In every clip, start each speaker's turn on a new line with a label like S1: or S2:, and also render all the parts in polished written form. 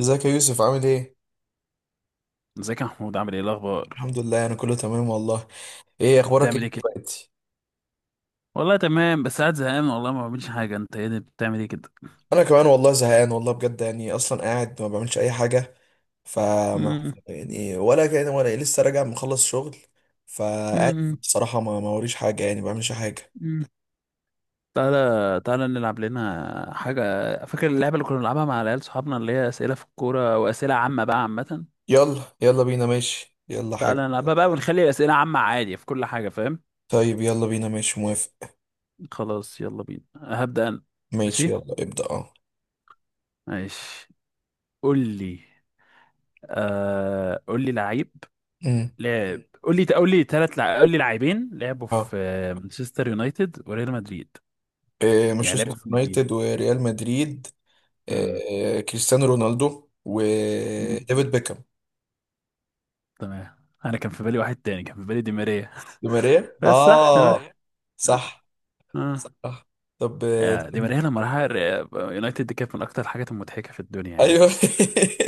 S1: ازيك يا يوسف، عامل ايه؟
S2: ازيك يا محمود، عامل ايه؟ إيه الاخبار؟
S1: الحمد لله، انا كله تمام والله. ايه اخبارك، ايه
S2: بتعمل ايه كده؟
S1: دلوقتي؟
S2: والله تمام، بس قاعد زهقان والله، ما بعملش حاجه. انت ايه ده؟ بتعمل ايه كده؟
S1: انا كمان والله زهقان والله بجد، يعني اصلا قاعد ما بعملش اي حاجة. فما
S2: مم.
S1: يعني ولا كده ولا إيه، لسه راجع مخلص شغل فقاعد.
S2: مم.
S1: بصراحة ما وريش حاجة، يعني ما بعملش حاجة.
S2: مم. تعالى تعالى نلعب لنا حاجه. فاكر اللعبه اللي كنا بنلعبها مع العيال صحابنا، اللي هي اسئله في الكوره واسئله عامه بقى، عامه.
S1: يلا يلا بينا، ماشي يلا حاجة.
S2: تعالى نلعبها بقى ونخلي الاسئله عامه عادي في كل حاجه، فاهم؟
S1: طيب يلا بينا، ماشي موافق.
S2: خلاص يلا بينا، هبدا انا.
S1: ماشي،
S2: ماشي.
S1: يلا ابدأ. اه.
S2: ماشي. قول لي. آه، قول لي لعيب.
S1: امم
S2: قول لي قول لي لاعبين لعبوا
S1: اه.
S2: في مانشستر يونايتد وريال مدريد.
S1: إيه،
S2: يعني لعبوا
S1: مانشستر
S2: في الناديين.
S1: يونايتد وريال مدريد.
S2: امم.
S1: إيه، كريستيانو رونالدو
S2: أمم.
S1: وديفيد بيكهام.
S2: تمام. انا كان في بالي واحد تاني، كان في بالي دي ماريا.
S1: دي ماريا،
S2: بس صح، دي تمام.
S1: اه.
S2: ماريا.
S1: صح.
S2: اه، صح.
S1: صح. طب،
S2: دي
S1: استنى.
S2: ماريا لما راح يونايتد دي، كانت من اكتر الحاجات المضحكه في الدنيا يعني.
S1: ايوه.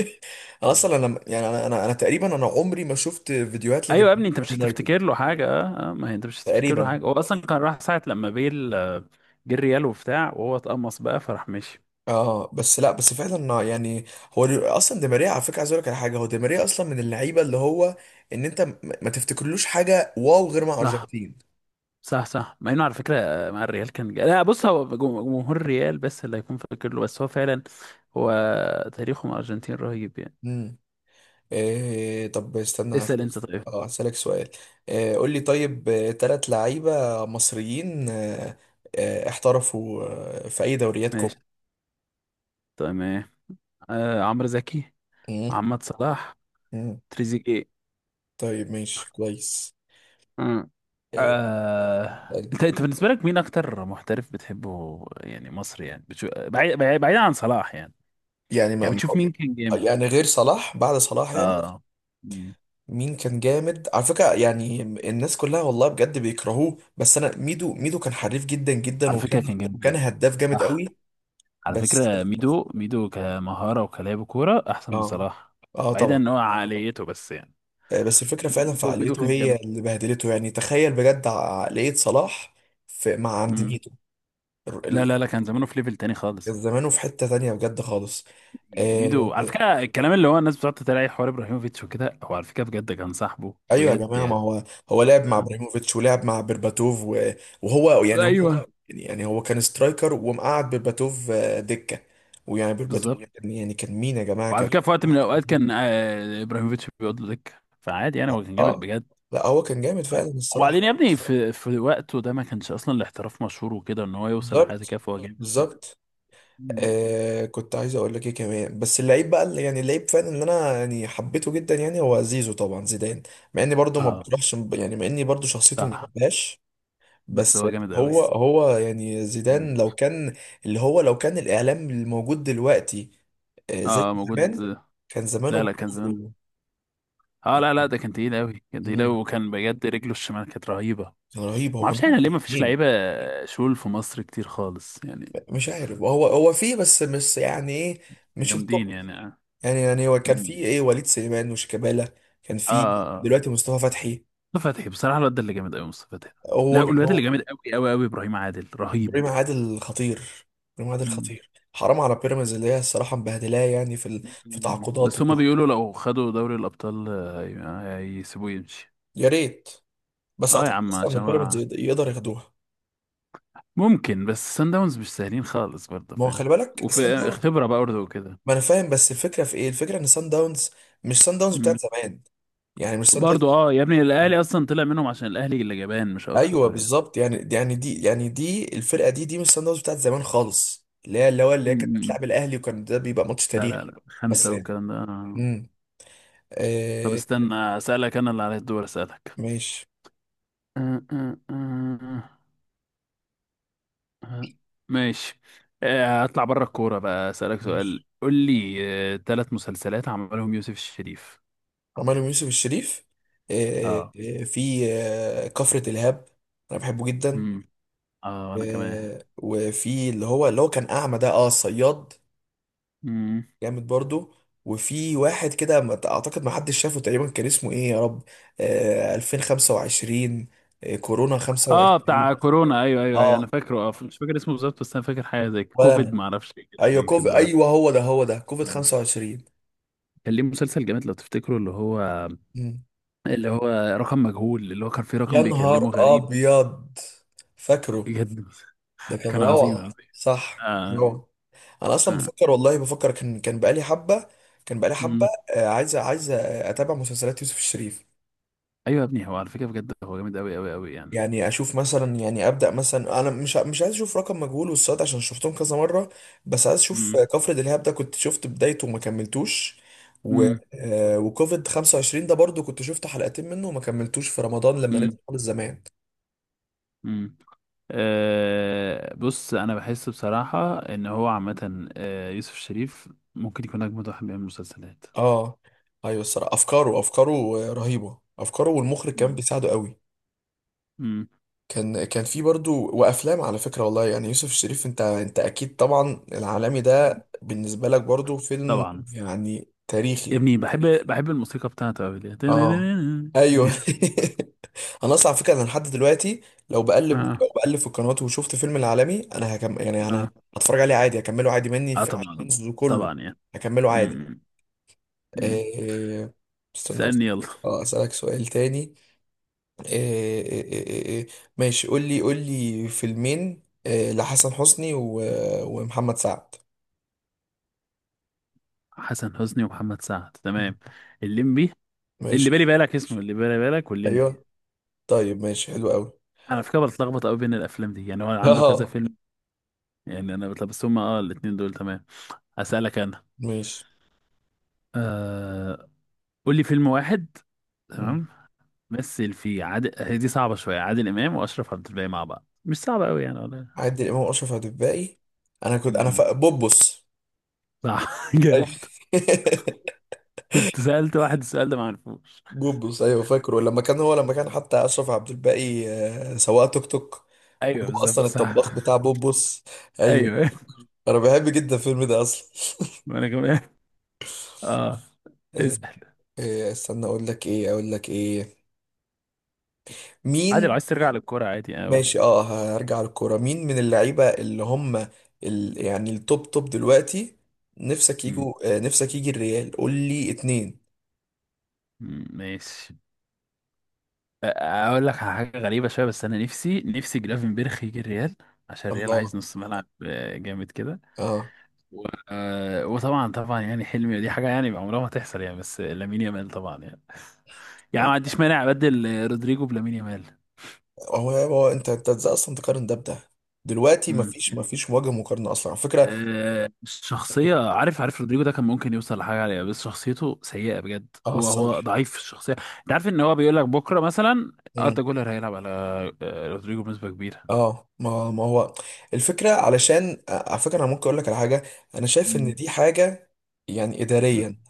S1: انا
S2: مم.
S1: اصلا، انا يعني انا تقريبا، انا عمري ما شفت فيديوهات لدي
S2: ايوه يا ابني،
S1: ماريا
S2: انت
S1: في
S2: مش
S1: يونايتد.
S2: هتفتكر له حاجه. ما هي انت مش هتفتكر له
S1: تقريبا.
S2: حاجه، هو اصلا كان راح ساعه لما بيل جه الريال وبتاع، وهو اتقمص بقى، فراح مشي.
S1: اه، بس لا، بس فعلا يعني هو اصلا دي ماريا على فكره، عايز اقول لك على حاجه، هو دي ماريا اصلا من اللعيبه اللي هو ان انت ما تفتكرلوش حاجه واو غير مع
S2: صح.
S1: ارجنتين.
S2: صح. صح، مع انه على فكره مع الريال كان لا بص، هو جمهور الريال بس اللي هيكون فاكر له، بس هو فعلا. هو تاريخه مع الارجنتين رهيب يعني.
S1: مم. إيه، طب استنى
S2: اسال انت، طيب.
S1: اه هسألك سؤال. إيه، قول لي طيب. ثلاث لعيبة مصريين احترفوا في أي دوريات
S2: ماشي،
S1: كوب.
S2: تمام. عمرو زكي.
S1: مم،
S2: محمد صلاح.
S1: مم.
S2: تريزيجيه.
S1: طيب ماشي، كويس.
S2: مم.
S1: إيه.
S2: انت بالنسبه لك مين اكتر محترف بتحبه يعني، مصري يعني، بعيد عن صلاح يعني.
S1: يعني
S2: يعني بتشوف مين كان جامد؟
S1: يعني غير صلاح، بعد صلاح يعني
S2: اه. مم.
S1: مين كان جامد؟ على فكرة، يعني الناس كلها والله بجد بيكرهوه، بس أنا ميدو، ميدو كان حريف جدا جدا،
S2: على فكره
S1: وكان
S2: كان جامد
S1: وكان
S2: جدا.
S1: هداف جامد
S2: صح.
S1: قوي.
S2: على
S1: بس
S2: فكرة ميدو ميدو كمهارة وكلاعب كورة أحسن من
S1: اه،
S2: صلاح.
S1: اه
S2: بعيدا
S1: طبعا.
S2: إن هو عقليته، بس يعني.
S1: بس الفكرة فعلا
S2: هو ميدو
S1: فعاليته
S2: كان
S1: هي
S2: جامد.
S1: اللي بهدلته، يعني تخيل بجد عقلية صلاح في مع عند
S2: مم.
S1: ميدو. ال-
S2: لا
S1: ال-
S2: لا لا، كان زمانه في ليفل تاني خالص.
S1: زمانه في حتة تانية بجد خالص. آه،
S2: ميدو على فكرة، الكلام اللي هو الناس بتقعد تتريق حوار إبراهيموفيتش وكده، هو على فكرة بجد كان صاحبه،
S1: ايوه يا
S2: بجد
S1: جماعة. ما
S2: يعني.
S1: هو لعب مع
S2: مم.
S1: ابراهيموفيتش، ولعب مع بيرباتوف وهو، يعني هو
S2: أيوه.
S1: يعني هو كان سترايكر، ومقعد بيرباتوف دكة. ويعني بيرباتوف
S2: بالظبط.
S1: يعني كان مين يا جماعة
S2: وعلى
S1: كان.
S2: فكرة في وقت من الأوقات كان إبراهيموفيتش بيقعد له دكة، فعادي يعني، هو كان جامد
S1: اه،
S2: بجد.
S1: لا هو كان جامد فعلا الصراحة.
S2: وبعدين يا ابني، في وقته ده ما كانش أصلا الاحتراف مشهور وكده، إن هو يوصل لحاجة كده،
S1: بالظبط،
S2: فهو جامد.
S1: بالظبط.
S2: مم.
S1: كنت عايز اقول لك ايه كمان، بس اللعيب بقى اللي يعني اللعيب فعلا اللي انا يعني حبيته جدا يعني هو زيزو، طبعا زيدان. مع اني برضو ما
S2: اه،
S1: بتروحش يعني، مع اني برضو شخصيته ما
S2: صح.
S1: بحبهاش.
S2: بس
S1: بس
S2: هو جامد قوي،
S1: هو
S2: بس.
S1: هو يعني زيدان لو كان، اللي هو لو كان الاعلام الموجود دلوقتي زي
S2: اه، موجود.
S1: زمان، كان زمانه
S2: لا لا، كان
S1: برضو.
S2: زمان. اه، لا لا، ده كان تقيل قوي، كان تقيل قوي،
S1: مم.
S2: وكان بجد رجله الشمال كانت رهيبه.
S1: كان رهيب،
S2: ما
S1: هو كان
S2: اعرفش احنا
S1: بيلعب
S2: ليه ما فيش
S1: الاثنين.
S2: لعيبه. شول في مصر كتير خالص يعني.
S1: مش عارف، هو فيه بس مش يعني ايه، مش
S2: جامدين
S1: التوب.
S2: يعني، اه.
S1: يعني هو كان في
S2: مم.
S1: ايه وليد سليمان وشيكابالا، كان
S2: اه.
S1: في
S2: آه. آه.
S1: دلوقتي مصطفى فتحي.
S2: مصطفى فتحي، بصراحه الواد ده اللي جامد قوي، مصطفى فتحي. لا، والواد
S1: هو
S2: اللي جامد قوي قوي قوي ابراهيم عادل،
S1: ابراهيم
S2: رهيب.
S1: عادل خطير. ابراهيم عادل
S2: مم.
S1: خطير، حرام على بيراميدز اللي هي الصراحه مبهدلاه، يعني في في
S2: مم.
S1: تعاقدات
S2: بس هما
S1: وكده.
S2: بيقولوا لو خدوا دوري الابطال، هيسيبوه يمشي.
S1: يا ريت. بس
S2: اه يا
S1: اعتقد
S2: عم،
S1: اصلا ان
S2: عشان
S1: بيراميدز
S2: هو.
S1: يقدر ياخدوها.
S2: ممكن، بس سان داونز مش سهلين خالص برضه،
S1: ما هو
S2: فاهم.
S1: خلي بالك، سان
S2: وفي
S1: داونز.
S2: خبرة برضه وكده.
S1: ما انا فاهم، بس الفكره في ايه؟ الفكره ان سان داونز مش سان داونز بتاعت
S2: مم.
S1: زمان، يعني مش سان داونز.
S2: برضه اه يا ابني، الاهلي اصلا طلع منهم عشان الاهلي اللي جبان، مش اكتر
S1: ايوه،
S2: يعني.
S1: بالظبط. يعني، يعني دي، يعني دي الفرقه دي مش سان داونز بتاعت زمان خالص، اللي هي كانت
S2: مم.
S1: بتلعب الاهلي، وكان ده بيبقى ماتش
S2: لا لا
S1: تاريخي.
S2: لا،
S1: بس
S2: خمسة
S1: يعني.
S2: والكلام ده.
S1: امم
S2: طب
S1: آه
S2: استنى، اسألك انا اللي على الدور، اسألك.
S1: ماشي،
S2: أه، أه، أه، أه. ماشي. هطلع بره الكورة بقى، اسألك سؤال،
S1: ماشي.
S2: قول لي. ثلاث مسلسلات عملهم يوسف الشريف.
S1: عمرو بن يوسف الشريف.
S2: اه.
S1: في كفرة الهاب. انا بحبه جدا.
S2: امم. اه، انا كمان.
S1: وفي اللي هو كان اعمى ده، اه الصياد. جامد برضو. وفي واحد كده اعتقد ما حدش شافه تقريبا، كان اسمه ايه يا رب؟ 2025. كورونا
S2: اه، بتاع
S1: 25.
S2: كورونا، ايوه ايوه ايوه، انا
S1: اه.
S2: فاكره. اه، مش فاكر اسمه بالظبط، بس انا فاكر حاجه زي
S1: ولا
S2: كوفيد
S1: انا.
S2: ما اعرفش، إيه كده،
S1: ايوه
S2: حاجه كده، اه.
S1: ايوه، هو ده كوفيد 25.
S2: كان ليه مسلسل جامد لو تفتكروا، اللي هو
S1: مم.
S2: اللي هو رقم مجهول اللي هو كان فيه
S1: يا
S2: رقم بيكلمه
S1: نهار
S2: غريب.
S1: ابيض، فاكره.
S2: بجد.
S1: ده كان
S2: كان
S1: روعه،
S2: عظيم عظيم.
S1: صح.
S2: آه.
S1: روعه. انا اصلا
S2: آه.
S1: بفكر والله، بفكر كان بقالي حبه، كان بقالي حبه.
S2: أمم.
S1: عايز اتابع مسلسلات يوسف الشريف.
S2: ايوه يا ابني، هو على فكره بجد هو جامد قوي قوي قوي يعني.
S1: يعني اشوف مثلا، يعني ابدا مثلا انا مش عايز اشوف رقم مجهول والصاد عشان شفتهم كذا مره. بس عايز اشوف
S2: أمم.
S1: كفر دلهاب، ده كنت شفت بدايته وما كملتوش. و
S2: أمم.
S1: آه، وكوفيد 25 ده برضو كنت شفت حلقتين منه وما كملتوش في رمضان لما نزل
S2: أمم.
S1: خالص زمان.
S2: أمم. بص انا بحس بصراحه ان هو عامه، يوسف شريف ممكن يكون اجمد واحد بيعمل مسلسلات.
S1: اه. ايوه، الصراحه افكاره، افكاره رهيبه، افكاره والمخرج كان
S2: أمم.
S1: بيساعده قوي.
S2: أمم.
S1: كان في برضو وافلام على فكره والله، يعني يوسف الشريف، انت اكيد طبعا العالمي ده بالنسبه لك برضو فيلم
S2: طبعا.
S1: يعني
S2: يا
S1: تاريخي.
S2: ابني، بحب الموسيقى بتاعته قوي دي
S1: اه. ايوه.
S2: دي.
S1: انا اصلا على فكره انا لحد دلوقتي، لو بقلب لو
S2: اه.
S1: بقلب في القنوات وشفت فيلم العالمي، انا هكم، يعني انا
S2: اه.
S1: هتفرج عليه عادي، هكمله عادي، مني
S2: اه،
S1: في
S2: طبعا
S1: حفظه كله،
S2: طبعا يعني.
S1: هكمله عادي.
S2: مم. مم.
S1: إيه، استنى.
S2: اسألني يلا.
S1: اه، اسالك سؤال تاني. إيه، إيه، إيه، إيه. ماشي، قول لي، قول لي فيلمين، إيه، لحسن حسني و، ومحمد سعد.
S2: حسن حسني ومحمد سعد، تمام. الليمبي. اللي
S1: ماشي.
S2: بالي بالك اسمه اللي بالي بالك، والليمبي.
S1: ايوه، طيب ماشي، حلو قوي.
S2: انا على فكره بتلخبط قوي بين الافلام دي، يعني هو عنده كذا
S1: اه.
S2: فيلم. يعني انا بتلخبط، بس هما اه الاتنين دول تمام. هسألك انا.
S1: ماشي.
S2: آه... قول لي فيلم واحد. تمام. مثل فيه عادل هي دي صعبة شوية، عادل إمام وأشرف عبد الباقي مع بعض، مش صعبة قوي يعني.
S1: عادل امام واشرف عبد الباقي. انا كنت انا
S2: ولا؟
S1: بوبوس.
S2: صح،
S1: أيوة.
S2: جامد. كنت سألت واحد السؤال ده ما عرفوش.
S1: بوبوس، ايوه فاكره لما كان هو، لما كان حتى اشرف عبد الباقي سواق توك توك،
S2: ايوه،
S1: وهو
S2: بالظبط،
S1: اصلا الطباخ
S2: صح.
S1: بتاع بوبوس. ايوه.
S2: ايوه.
S1: انا بحب جدا الفيلم ده اصلا.
S2: وانا كمان. اه.
S1: آه،
S2: اسأل.
S1: استنى، اقول لك ايه، اقول لك ايه،
S2: عادي لو
S1: مين؟
S2: عايز ترجع للكورة، عادي قوي.
S1: ماشي، اه. هرجع للكوره. مين من اللعيبه اللي هم يعني التوب توب دلوقتي، نفسك يجوا آه، نفسك يجي الريال؟ قول لي اتنين.
S2: ماشي. اقول لك على حاجة غريبة شوية، بس انا نفسي نفسي جرافنبرخ يجي الريال. عشان الريال عايز
S1: الله،
S2: نص ملعب، جامد كده.
S1: اه.
S2: وطبعا طبعا يعني حلمي، دي حاجة يعني عمرها ما تحصل يعني، بس لامين يامال طبعا يعني. يعني ما عنديش مانع ابدل رودريجو بلامين.
S1: هو انت ازاي اصلا تقارن ده بده؟ دلوقتي
S2: يامال.
S1: مفيش وجه مقارنه اصلا على فكره.
S2: الشخصية عارف رودريجو ده كان ممكن يوصل لحاجة عليها، بس شخصيته سيئة بجد،
S1: اه،
S2: هو
S1: الصراحه.
S2: ضعيف في الشخصية. انت عارف ان هو بيقول لك بكرة مثلا؟
S1: امم
S2: اردا جولر هيلعب على رودريجو بنسبة كبيرة.
S1: اه. ما هو الفكره علشان على فكره، انا ممكن اقول لك على حاجه، انا شايف ان
S2: مم.
S1: دي حاجه يعني
S2: مم.
S1: اداريا.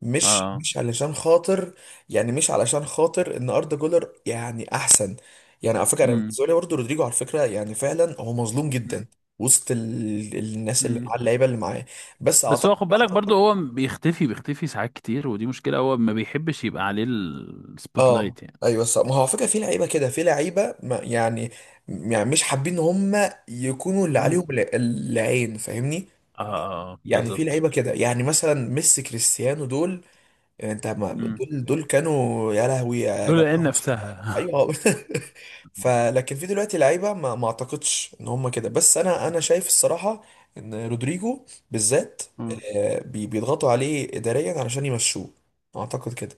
S1: مش
S2: اه.
S1: مش علشان خاطر، يعني مش علشان خاطر ان اردا جولر يعني احسن، يعني على فكره انا
S2: مم.
S1: بالنسبه لي برضه رودريجو على فكره يعني فعلا هو مظلوم جدا وسط الناس اللي مع
S2: مم.
S1: اللعيبه اللي معاه. بس.
S2: بس هو خد بالك برضو، هو بيختفي بيختفي ساعات كتير، ودي مشكلة، هو ما بيحبش يبقى عليه السبوت
S1: اه،
S2: لايت يعني.
S1: ايوه صح. ما هو على فكره في لعيبه كده، في لعيبه يعني، يعني مش حابين ان هم يكونوا اللي
S2: مم.
S1: عليهم العين، فاهمني؟
S2: اه، اه،
S1: يعني في
S2: بالظبط.
S1: لعيبه كده يعني مثلا ميسي، كريستيانو، دول. يعني انت ما
S2: مم.
S1: دول كانوا يا لهوي يا
S2: دول العين
S1: جماعه، بصوا.
S2: نفسها.
S1: ايوه. فلكن في دلوقتي لعيبه ما اعتقدش ان هم كده، بس انا شايف الصراحه ان رودريجو بالذات
S2: مم.
S1: بيضغطوا عليه اداريا علشان يمشوه. اعتقد كده،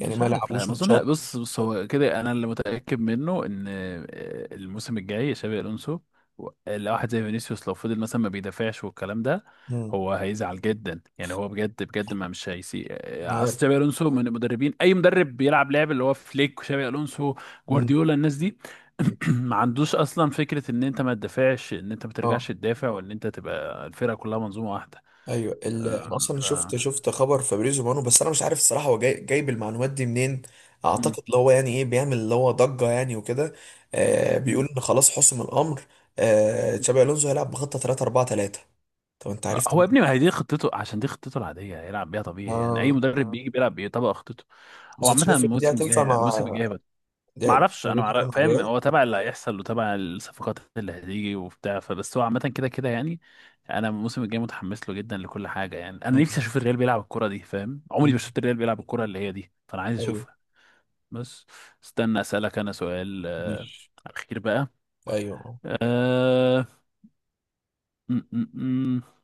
S1: يعني ما
S2: عارف، لا
S1: يلعبوش
S2: ما اظن،
S1: ماتشات.
S2: بص بص هو كده، انا اللي متاكد منه ان الموسم الجاي شابي الونسو. لو واحد زي فينيسيوس لو فضل مثلا ما بيدافعش والكلام ده،
S1: مم.
S2: هو هيزعل جدا يعني، هو بجد بجد، ما مش هيسي اصل شابي الونسو من المدربين، اي مدرب بيلعب لعب اللي هو فليك وشابي الونسو،
S1: مم.
S2: جوارديولا، الناس دي.
S1: مم.
S2: ما عندوش اصلا فكره ان انت ما تدافعش، ان انت ما ترجعش
S1: اه،
S2: تدافع، وان انت تبقى الفرقه كلها منظومه واحده.
S1: ايوه
S2: آه،
S1: انا اصلا
S2: ف
S1: شفت خبر فابريزو مانو، بس انا مش عارف الصراحه هو جاي جايب المعلومات دي منين. اعتقد اللي هو يعني ايه، بيعمل اللي هو ضجه يعني وكده.
S2: مم.
S1: بيقول ان خلاص حسم الامر. تشابي الونزو هيلعب بخطه 3 4 3. طب انت عرفت
S2: هو يا ابني،
S1: منين؟
S2: ما هي دي خطته عشان دي خطته العادية هيلعب بيها طبيعي يعني، أي
S1: اه،
S2: مدرب بيجي بيلعب بيطبق خطته. هو
S1: بس انت
S2: عامة،
S1: شايف ان دي
S2: الموسم
S1: هتنفع
S2: الجاي
S1: مع
S2: الموسم الجاي بقى. ما اعرفش انا
S1: دي هتنفع مع
S2: فاهم،
S1: الريال؟
S2: هو تبع اللي هيحصل وتبع الصفقات اللي هتيجي وبتاع، فبس هو عامة كده كده يعني. انا الموسم الجاي متحمس له جدا لكل حاجة يعني، انا نفسي
S1: مم.
S2: اشوف الريال بيلعب الكرة دي، فاهم، عمري ما
S1: مم.
S2: شفت الريال بيلعب الكرة اللي هي دي، فانا عايز
S1: ايوه.
S2: اشوفها. بس. استنى اسألك انا سؤال
S1: ماشي،
S2: اخير بقى.
S1: ايوه
S2: آه... م -م -م.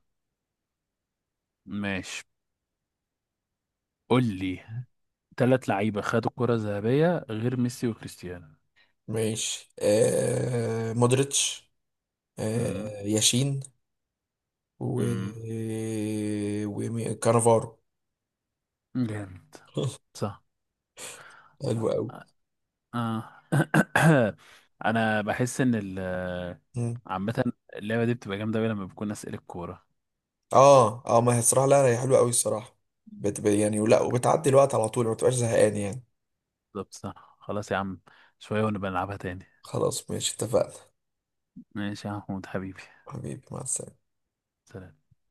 S2: ماشي. قول لي. ثلاث لعيبة خدوا الكرة الذهبية غير ميسي وكريستيانو.
S1: ماشي. مودريتش،
S2: امم.
S1: ياشين، و
S2: امم.
S1: وكانافارو.
S2: جامد. صح.
S1: حلو قوي.
S2: آه. انا بحس ان
S1: مم.
S2: عامة اللعبة دي بتبقى جامدة أوي لما بكون أسئلة الكورة.
S1: اه، اه. ما هي الصراحه، لا لا هي حلوه قوي الصراحه، بتبقى يعني ولا وبتعدي الوقت على طول، ما بتبقاش زهقان يعني.
S2: بالظبط صح، خلاص يا عم. شوية ونبقى نلعبها تاني.
S1: خلاص ماشي، اتفقنا.
S2: ماشي يا محمود حبيبي.
S1: حبيبي مع السلامه.
S2: سلام.